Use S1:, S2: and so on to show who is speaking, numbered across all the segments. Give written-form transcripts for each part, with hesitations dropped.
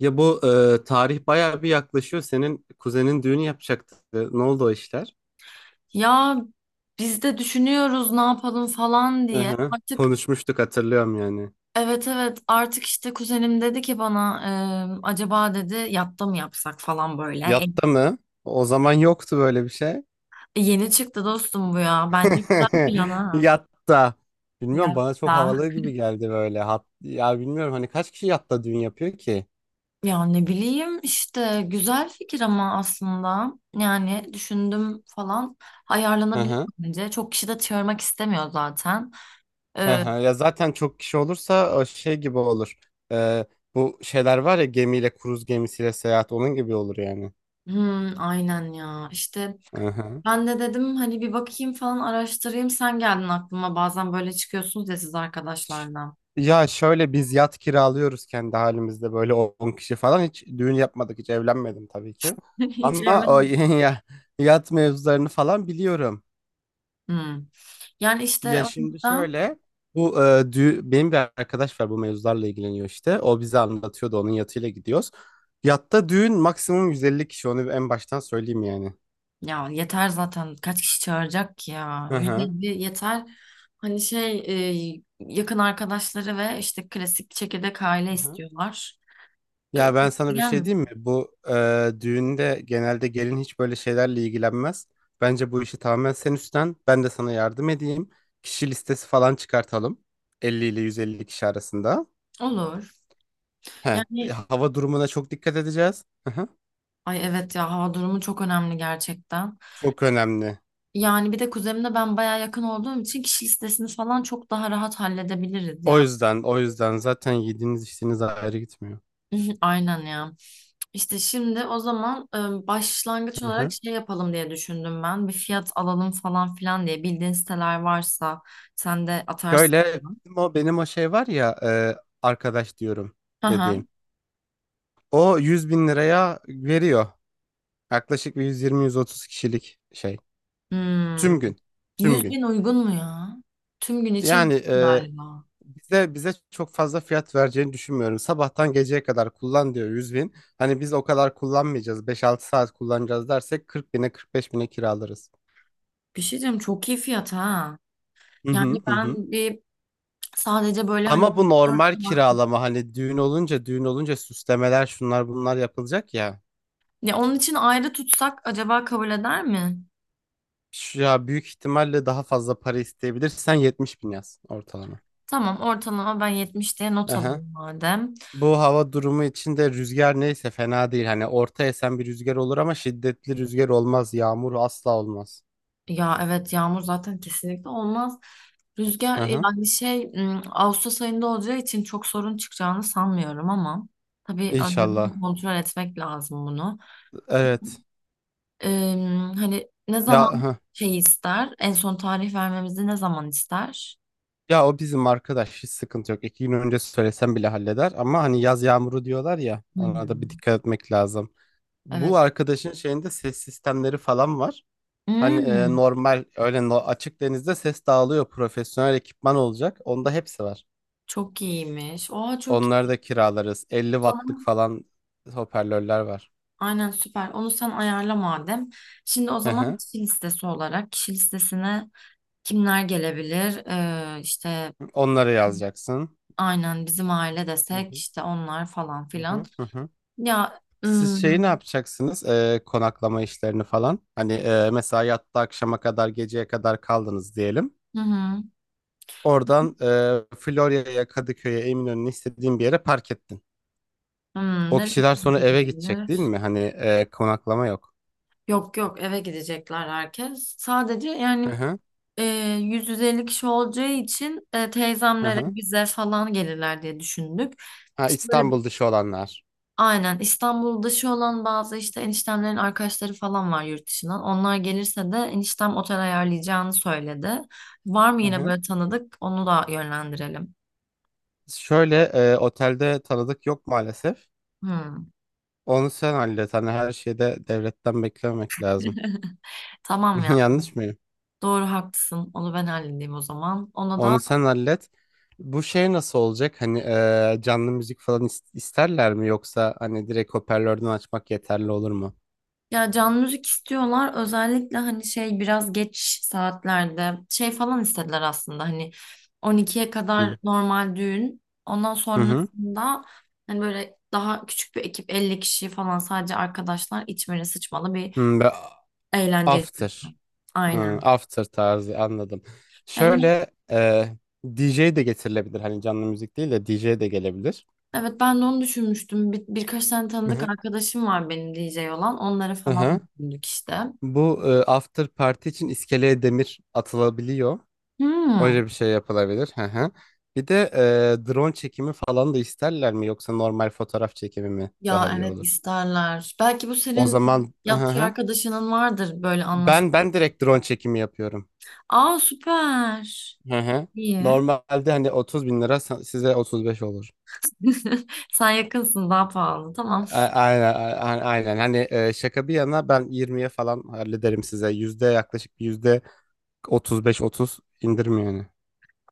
S1: Ya bu tarih bayağı bir yaklaşıyor. Senin kuzenin düğünü yapacaktı. Ne oldu o işler?
S2: Ya biz de düşünüyoruz ne yapalım falan
S1: Hı
S2: diye.
S1: hı.
S2: Artık
S1: Konuşmuştuk hatırlıyorum yani.
S2: evet evet artık işte kuzenim dedi ki bana acaba dedi yatta mı yapsak falan böyle.
S1: Yatta mı? O zaman yoktu böyle bir şey.
S2: Yeni çıktı dostum bu ya. Bence güzel plan ha.
S1: Yatta. Bilmiyorum bana çok
S2: Yatta.
S1: havalı gibi geldi böyle. Ya bilmiyorum hani kaç kişi yatta düğün yapıyor ki?
S2: Ya ne bileyim işte güzel fikir ama aslında yani düşündüm falan
S1: Hı
S2: ayarlanabilir
S1: hı.
S2: bence. Çok kişi de çağırmak istemiyor zaten.
S1: Hı
S2: E,
S1: hı. Ya zaten çok kişi olursa o şey gibi olur. E, Bu şeyler var ya gemiyle kruz gemisiyle seyahat onun gibi olur yani.
S2: aynen ya işte
S1: Hı hı.
S2: ben de dedim hani bir bakayım falan araştırayım. Sen geldin aklıma. Bazen böyle çıkıyorsunuz ya siz
S1: Ş-
S2: arkadaşlarla.
S1: Ya şöyle biz yat kiralıyoruz kendi halimizde böyle 10 kişi falan hiç düğün yapmadık, hiç evlenmedim tabii ki.
S2: Hiç
S1: Ama o
S2: evlenmedim.
S1: ya yat mevzularını falan biliyorum.
S2: Hmm. Yani işte
S1: Ya
S2: o
S1: şimdi
S2: yüzden
S1: şöyle benim bir arkadaş var, bu mevzularla ilgileniyor işte. O bize anlatıyordu, onun yatıyla gidiyoruz. Yatta düğün maksimum 150 kişi, onu en baştan söyleyeyim yani.
S2: ya yeter zaten kaç kişi çağıracak ki ya.
S1: Hı hı.
S2: 150 yeter. Hani şey yakın arkadaşları ve işte klasik çekirdek aile
S1: Hı hı.
S2: istiyorlar.
S1: Ya ben sana bir
S2: Gelir
S1: şey diyeyim mi?
S2: misin?
S1: Bu düğünde genelde gelin hiç böyle şeylerle ilgilenmez. Bence bu işi tamamen sen üstlen. Ben de sana yardım edeyim. Kişi listesi falan çıkartalım. 50 ile 150 kişi arasında.
S2: Olur.
S1: He,
S2: Yani
S1: hava durumuna çok dikkat edeceğiz. Hı hı.
S2: ay evet ya hava durumu çok önemli gerçekten.
S1: Çok önemli.
S2: Yani bir de kuzenimle ben baya yakın olduğum için kişi listesini falan çok daha rahat halledebiliriz
S1: O
S2: ya.
S1: yüzden, o yüzden zaten yediğiniz içtiğiniz ayrı gitmiyor.
S2: Aynen ya. İşte şimdi o zaman başlangıç
S1: Hı
S2: olarak
S1: hı.
S2: şey yapalım diye düşündüm ben. Bir fiyat alalım falan filan diye. Bildiğin siteler varsa sen de atarsın.
S1: Şöyle benim o şey var ya, arkadaş diyorum
S2: Hı
S1: dediğim.
S2: hı.
S1: O 100 bin liraya veriyor. Yaklaşık bir 120-130 kişilik şey.
S2: Hmm.
S1: Tüm gün. Tüm
S2: 100
S1: gün.
S2: bin uygun mu ya? Tüm gün için
S1: Yani
S2: galiba.
S1: bize çok fazla fiyat vereceğini düşünmüyorum. Sabahtan geceye kadar kullan diyor 100 bin. Hani biz o kadar kullanmayacağız. 5-6 saat kullanacağız dersek 40 bine 45 bine kiralarız.
S2: Bir şey diyeyim çok iyi fiyat ha.
S1: Hı
S2: Yani
S1: hı hı. Hı.
S2: ben bir sadece böyle hani
S1: Ama bu
S2: 4
S1: normal
S2: saat.
S1: kiralama, hani düğün olunca süslemeler şunlar bunlar yapılacak ya.
S2: Ya onun için ayrı tutsak acaba kabul eder mi?
S1: Ya büyük ihtimalle daha fazla para isteyebilir. Sen 70 bin yaz ortalama.
S2: Tamam ortalama ben 70 diye not
S1: Aha.
S2: alayım madem.
S1: Bu hava durumu içinde rüzgar neyse fena değil. Hani orta esen bir rüzgar olur ama şiddetli rüzgar olmaz. Yağmur asla olmaz.
S2: Ya evet yağmur zaten kesinlikle olmaz.
S1: Hı
S2: Rüzgar
S1: hı.
S2: yani şey Ağustos ayında olacağı için çok sorun çıkacağını sanmıyorum ama tabii
S1: İnşallah.
S2: önceden kontrol etmek lazım bunu.
S1: Evet.
S2: Hani ne
S1: Ya
S2: zaman
S1: hı.
S2: şey ister? En son tarih vermemizi ne zaman ister?
S1: Ya o bizim arkadaş hiç sıkıntı yok. 2 gün önce söylesem bile halleder. Ama hani yaz yağmuru diyorlar ya, ona da bir
S2: Hmm,
S1: dikkat etmek lazım. Bu
S2: evet.
S1: arkadaşın şeyinde ses sistemleri falan var. Hani
S2: Hmm,
S1: normal öyle açık denizde ses dağılıyor. Profesyonel ekipman olacak. Onda hepsi var.
S2: Çok iyiymiş. Oha çok
S1: Onları
S2: iyi.
S1: da kiralarız. 50
S2: O
S1: wattlık
S2: zaman
S1: falan hoparlörler var.
S2: aynen süper. Onu sen ayarla madem. Şimdi o
S1: Hı
S2: zaman
S1: hı.
S2: kişi listesi olarak kişi listesine kimler gelebilir? İşte
S1: Onları yazacaksın.
S2: aynen bizim aile
S1: Hı
S2: desek
S1: hı.
S2: işte onlar falan
S1: Hı
S2: filan.
S1: hı. Hı hı.
S2: Ya
S1: Siz
S2: hmm,
S1: şeyi ne yapacaksınız? Konaklama işlerini falan. Hani mesela yattı akşama kadar geceye kadar kaldınız diyelim.
S2: hı hı,
S1: Oradan Florya'ya, Kadıköy'e, Eminönü'ne istediğin bir yere park ettin. O
S2: nereye
S1: kişiler sonra eve gidecek değil
S2: gidebilir?
S1: mi? Hani konaklama yok.
S2: Yok yok eve gidecekler herkes. Sadece
S1: Hı
S2: yani
S1: hı.
S2: e, 100-150 kişi olacağı için
S1: Hı
S2: teyzemlere
S1: hı.
S2: bize falan gelirler diye düşündük.
S1: Ha,
S2: İşte böyle
S1: İstanbul dışı olanlar.
S2: aynen İstanbul dışı olan bazı işte eniştemlerin arkadaşları falan var yurt dışından. Onlar gelirse de eniştem otel ayarlayacağını söyledi. Var mı
S1: Hı
S2: yine
S1: hı.
S2: böyle tanıdık? Onu da yönlendirelim.
S1: Şöyle otelde tanıdık yok maalesef.
S2: Hmm.
S1: Onu sen hallet. Hani her şeyde devletten beklememek lazım.
S2: Tamam ya.
S1: Yanlış mıyım?
S2: Doğru haklısın. Onu ben halledeyim o zaman. Ona da
S1: Onu sen hallet. Bu şey nasıl olacak? Hani canlı müzik falan isterler mi? Yoksa hani direkt hoparlörden açmak yeterli olur mu?
S2: ya, canlı müzik istiyorlar. Özellikle hani şey biraz geç saatlerde şey falan istediler aslında. Hani 12'ye kadar
S1: Hı
S2: normal düğün. Ondan
S1: hı. Hı.
S2: sonrasında hani böyle daha küçük bir ekip 50 kişi falan sadece arkadaşlar içmeli sıçmalı bir
S1: Hı, ve
S2: eğlence istiyorlar.
S1: after. Hı,
S2: Aynen.
S1: after tarzı anladım.
S2: Yani
S1: Şöyle DJ de getirilebilir. Hani canlı müzik değil de DJ de gelebilir.
S2: evet ben de onu düşünmüştüm. Birkaç tane
S1: Hı
S2: tanıdık
S1: hı.
S2: arkadaşım var benim DJ olan. Onları
S1: Hı
S2: falan
S1: hı.
S2: düşündük işte.
S1: Bu after party için iskeleye demir atılabiliyor.
S2: Hmm.
S1: Öyle bir şey yapılabilir. Hı hı. Bir de drone çekimi falan da isterler mi, yoksa normal fotoğraf çekimi mi daha
S2: Ya
S1: iyi
S2: evet
S1: olur?
S2: isterler. Belki bu
S1: O
S2: senin
S1: zaman hı
S2: yatçı
S1: hı.
S2: arkadaşının vardır böyle
S1: Ben
S2: anlaşma.
S1: ben direkt drone çekimi yapıyorum.
S2: Aa süper.
S1: Hı hı.
S2: İyi.
S1: Normalde hani 30 bin lira size 35 olur.
S2: Sen yakınsın daha pahalı. Tamam.
S1: Aynen, aynen. Hani şaka bir yana ben 20'ye falan hallederim size. Yüzde yaklaşık bir yüzde 35-30 indirim yani.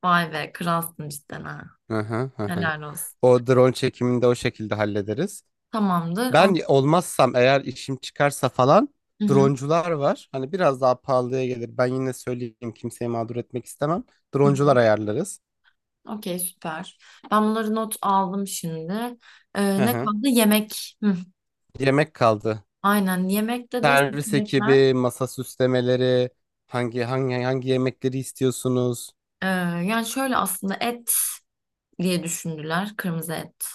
S2: Vay be kralsın cidden ha.
S1: Hı hı hı. Hı.
S2: Helal olsun.
S1: O drone çekimini de o şekilde hallederiz.
S2: Tamamdır.
S1: Ben
S2: On...
S1: olmazsam, eğer işim çıkarsa falan
S2: Hı hı.
S1: droncular var. Hani biraz daha pahalıya gelir. Ben yine söyleyeyim, kimseyi mağdur etmek istemem.
S2: Hı hı.
S1: Droncular ayarlarız.
S2: Okey süper. Ben bunları not aldım şimdi.
S1: Hı
S2: Ne
S1: hı.
S2: kaldı? Yemek. Hı.
S1: Yemek kaldı.
S2: Aynen yemekte de
S1: Servis
S2: seçenekler.
S1: ekibi, masa süslemeleri, hangi yemekleri istiyorsunuz?
S2: Ee, Yani şöyle aslında et diye düşündüler. Kırmızı et.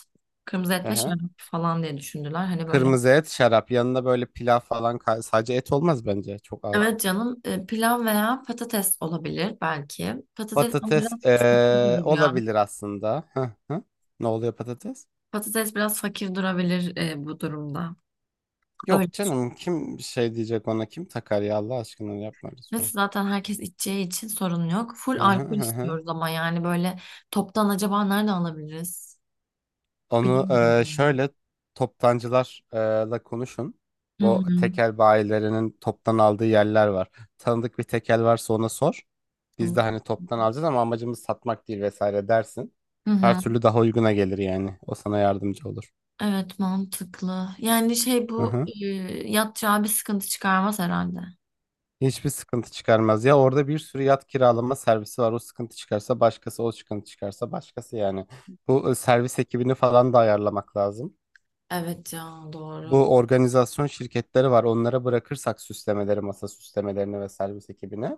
S2: Kırmızı et
S1: Hı
S2: ve
S1: hı.
S2: şarap falan diye düşündüler. Hani böyle.
S1: Kırmızı et, şarap. Yanında böyle pilav falan, sadece et olmaz bence. Çok ağır.
S2: Evet canım pilav veya patates olabilir belki. Patates ama
S1: Patates
S2: biraz fakir gibi ya.
S1: olabilir aslında. Hı hı. Ne oluyor patates?
S2: Patates biraz fakir durabilir bu durumda. Öyle.
S1: Yok canım, kim şey diyecek ona, kim takar ya, Allah aşkına yapma
S2: Neyse
S1: lütfen.
S2: zaten herkes içeceği için sorun yok. Full
S1: Hı hı
S2: alkol
S1: hı hı.
S2: istiyoruz ama yani böyle toptan acaba nerede alabiliriz?
S1: Onu
S2: Bilmiyorum.
S1: şöyle toptancılarla konuşun.
S2: Ya. Hı
S1: Bu
S2: hı.
S1: tekel bayilerinin toptan aldığı yerler var. Tanıdık bir tekel varsa ona sor. Biz de
S2: Tamam.
S1: hani toptan alacağız ama amacımız satmak değil vesaire dersin.
S2: Hı
S1: Her
S2: hı.
S1: türlü daha uyguna gelir yani. O sana yardımcı olur.
S2: Evet mantıklı. Yani şey
S1: Hı
S2: bu
S1: hı.
S2: yatacağı bir sıkıntı çıkarmaz herhalde.
S1: Hiçbir sıkıntı çıkarmaz. Ya orada bir sürü yat kiralama servisi var. O sıkıntı çıkarsa başkası, o sıkıntı çıkarsa başkası yani. Bu servis ekibini falan da ayarlamak lazım.
S2: Evet ya doğru.
S1: Bu organizasyon şirketleri var. Onlara bırakırsak süslemeleri, masa süslemelerini ve servis ekibini.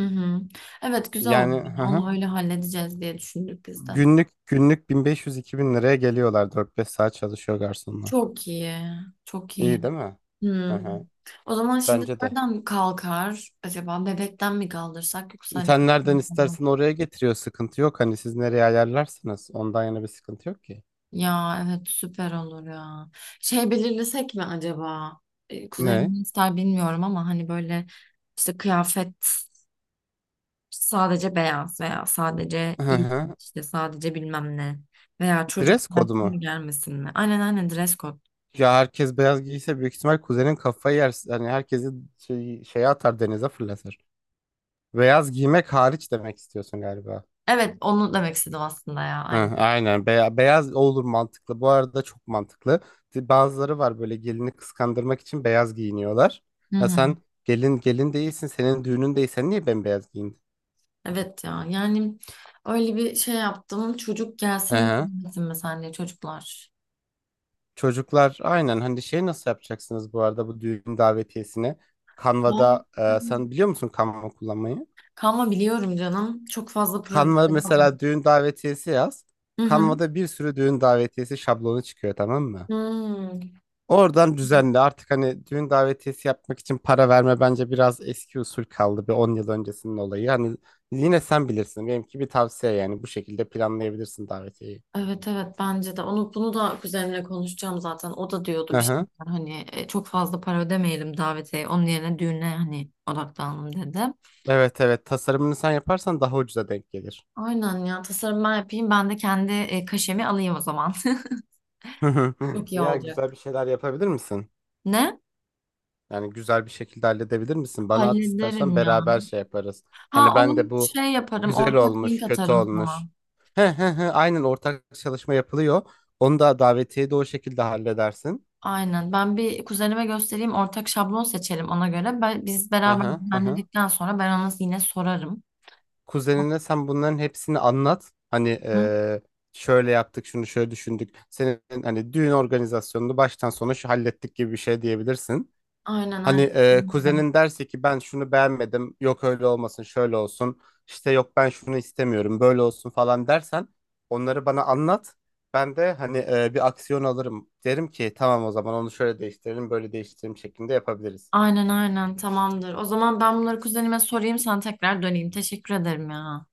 S2: Hı hı. Evet güzel olur.
S1: Yani hı hı.
S2: Onu öyle halledeceğiz diye düşündük biz de.
S1: Günlük günlük 1500-2000 liraya geliyorlar. 4-5 saat çalışıyor garsonlar.
S2: Çok iyi. Çok iyi.
S1: İyi değil mi? Hı
S2: Hı.
S1: hı.
S2: O zaman şimdi
S1: Bence de.
S2: nereden kalkar acaba? Bebekten mi kaldırsak yoksa hani
S1: Sen nereden
S2: kadın falan.
S1: istersen oraya getiriyor. Sıkıntı yok. Hani siz nereye ayarlarsınız? Ondan yana bir sıkıntı yok ki.
S2: Ya evet süper olur ya. Şey belirlesek mi acaba?
S1: Ne?
S2: Kuzenim ne ister bilmiyorum ama hani böyle işte kıyafet. Sadece beyaz veya sadece
S1: Hı
S2: iyi
S1: hı.
S2: işte sadece bilmem ne veya çocuk
S1: Dress kodu mu?
S2: gelsin mi gelmesin mi? Aynen aynen dress code.
S1: Ya herkes beyaz giyse büyük ihtimal kuzenin kafayı yer. Yani herkesi şeye atar, denize fırlatır. Beyaz giymek hariç demek istiyorsun galiba.
S2: Evet onu demek istedim aslında ya
S1: Hı,
S2: aynen.
S1: aynen. Beyaz olur, mantıklı. Bu arada çok mantıklı. Bazıları var böyle, gelini kıskandırmak için beyaz giyiniyorlar.
S2: Hı
S1: Ya
S2: hı.
S1: sen gelin gelin değilsin, senin düğünün değil, sen niye bembeyaz giyindin?
S2: Evet ya yani öyle bir şey yaptım çocuk
S1: Hı
S2: gelsin mi
S1: hı.
S2: gelmesin mi sence çocuklar?
S1: Çocuklar aynen. Hani şey, nasıl yapacaksınız bu arada bu düğün davetiyesini?
S2: Ya.
S1: Canva'da sen biliyor musun Canva kullanmayı?
S2: Kalma biliyorum canım çok fazla proje.
S1: Canva mesela, düğün davetiyesi yaz.
S2: Hı hı.
S1: Canva'da bir sürü düğün davetiyesi şablonu çıkıyor, tamam mı?
S2: Hmm.
S1: Oradan düzenle artık. Hani düğün davetiyesi yapmak için para verme, bence biraz eski usul kaldı, bir 10 yıl öncesinin olayı. Hani yine sen bilirsin, benimki bir tavsiye yani, bu şekilde planlayabilirsin davetiyeyi.
S2: Evet evet bence de onu bunu da kuzenimle konuşacağım zaten o da diyordu
S1: Hı
S2: bir
S1: hı.
S2: şeyler hani çok fazla para ödemeyelim davete onun yerine düğüne hani odaklanalım dedi.
S1: Evet, evet, tasarımını sen yaparsan daha ucuza denk gelir.
S2: Aynen ya tasarım ben yapayım ben de kendi kaşemi alayım o zaman. Çok iyi
S1: Ya, güzel
S2: olacak.
S1: bir şeyler yapabilir misin?
S2: Ne?
S1: Yani güzel bir şekilde halledebilir misin? Bana at istersen,
S2: Hallederim ya.
S1: beraber şey yaparız.
S2: Ha
S1: Hani ben
S2: onu
S1: de bu
S2: şey yaparım
S1: güzel
S2: ortak
S1: olmuş,
S2: link
S1: kötü
S2: atarım
S1: olmuş.
S2: sana.
S1: He, he, he, aynen, ortak çalışma yapılıyor. Onu da, davetiye de o şekilde halledersin.
S2: Aynen ben bir kuzenime göstereyim ortak şablon seçelim ona göre. Biz
S1: Hı
S2: beraber
S1: hı hı. Hı.
S2: düzenledikten sonra ben ona yine sorarım.
S1: Kuzenine sen bunların hepsini anlat. Hani
S2: Hı?
S1: şöyle yaptık, şunu şöyle düşündük. Senin hani düğün organizasyonunu baştan sona şu hallettik gibi bir şey diyebilirsin.
S2: Aynen
S1: Hani
S2: aynen.
S1: kuzenin derse ki ben şunu beğenmedim, yok öyle olmasın, şöyle olsun, işte yok ben şunu istemiyorum, böyle olsun falan dersen onları bana anlat. Ben de hani bir aksiyon alırım. Derim ki tamam, o zaman onu şöyle değiştirelim, böyle değiştirelim şeklinde yapabiliriz.
S2: Aynen aynen tamamdır. O zaman ben bunları kuzenime sorayım sana tekrar döneyim. Teşekkür ederim ya.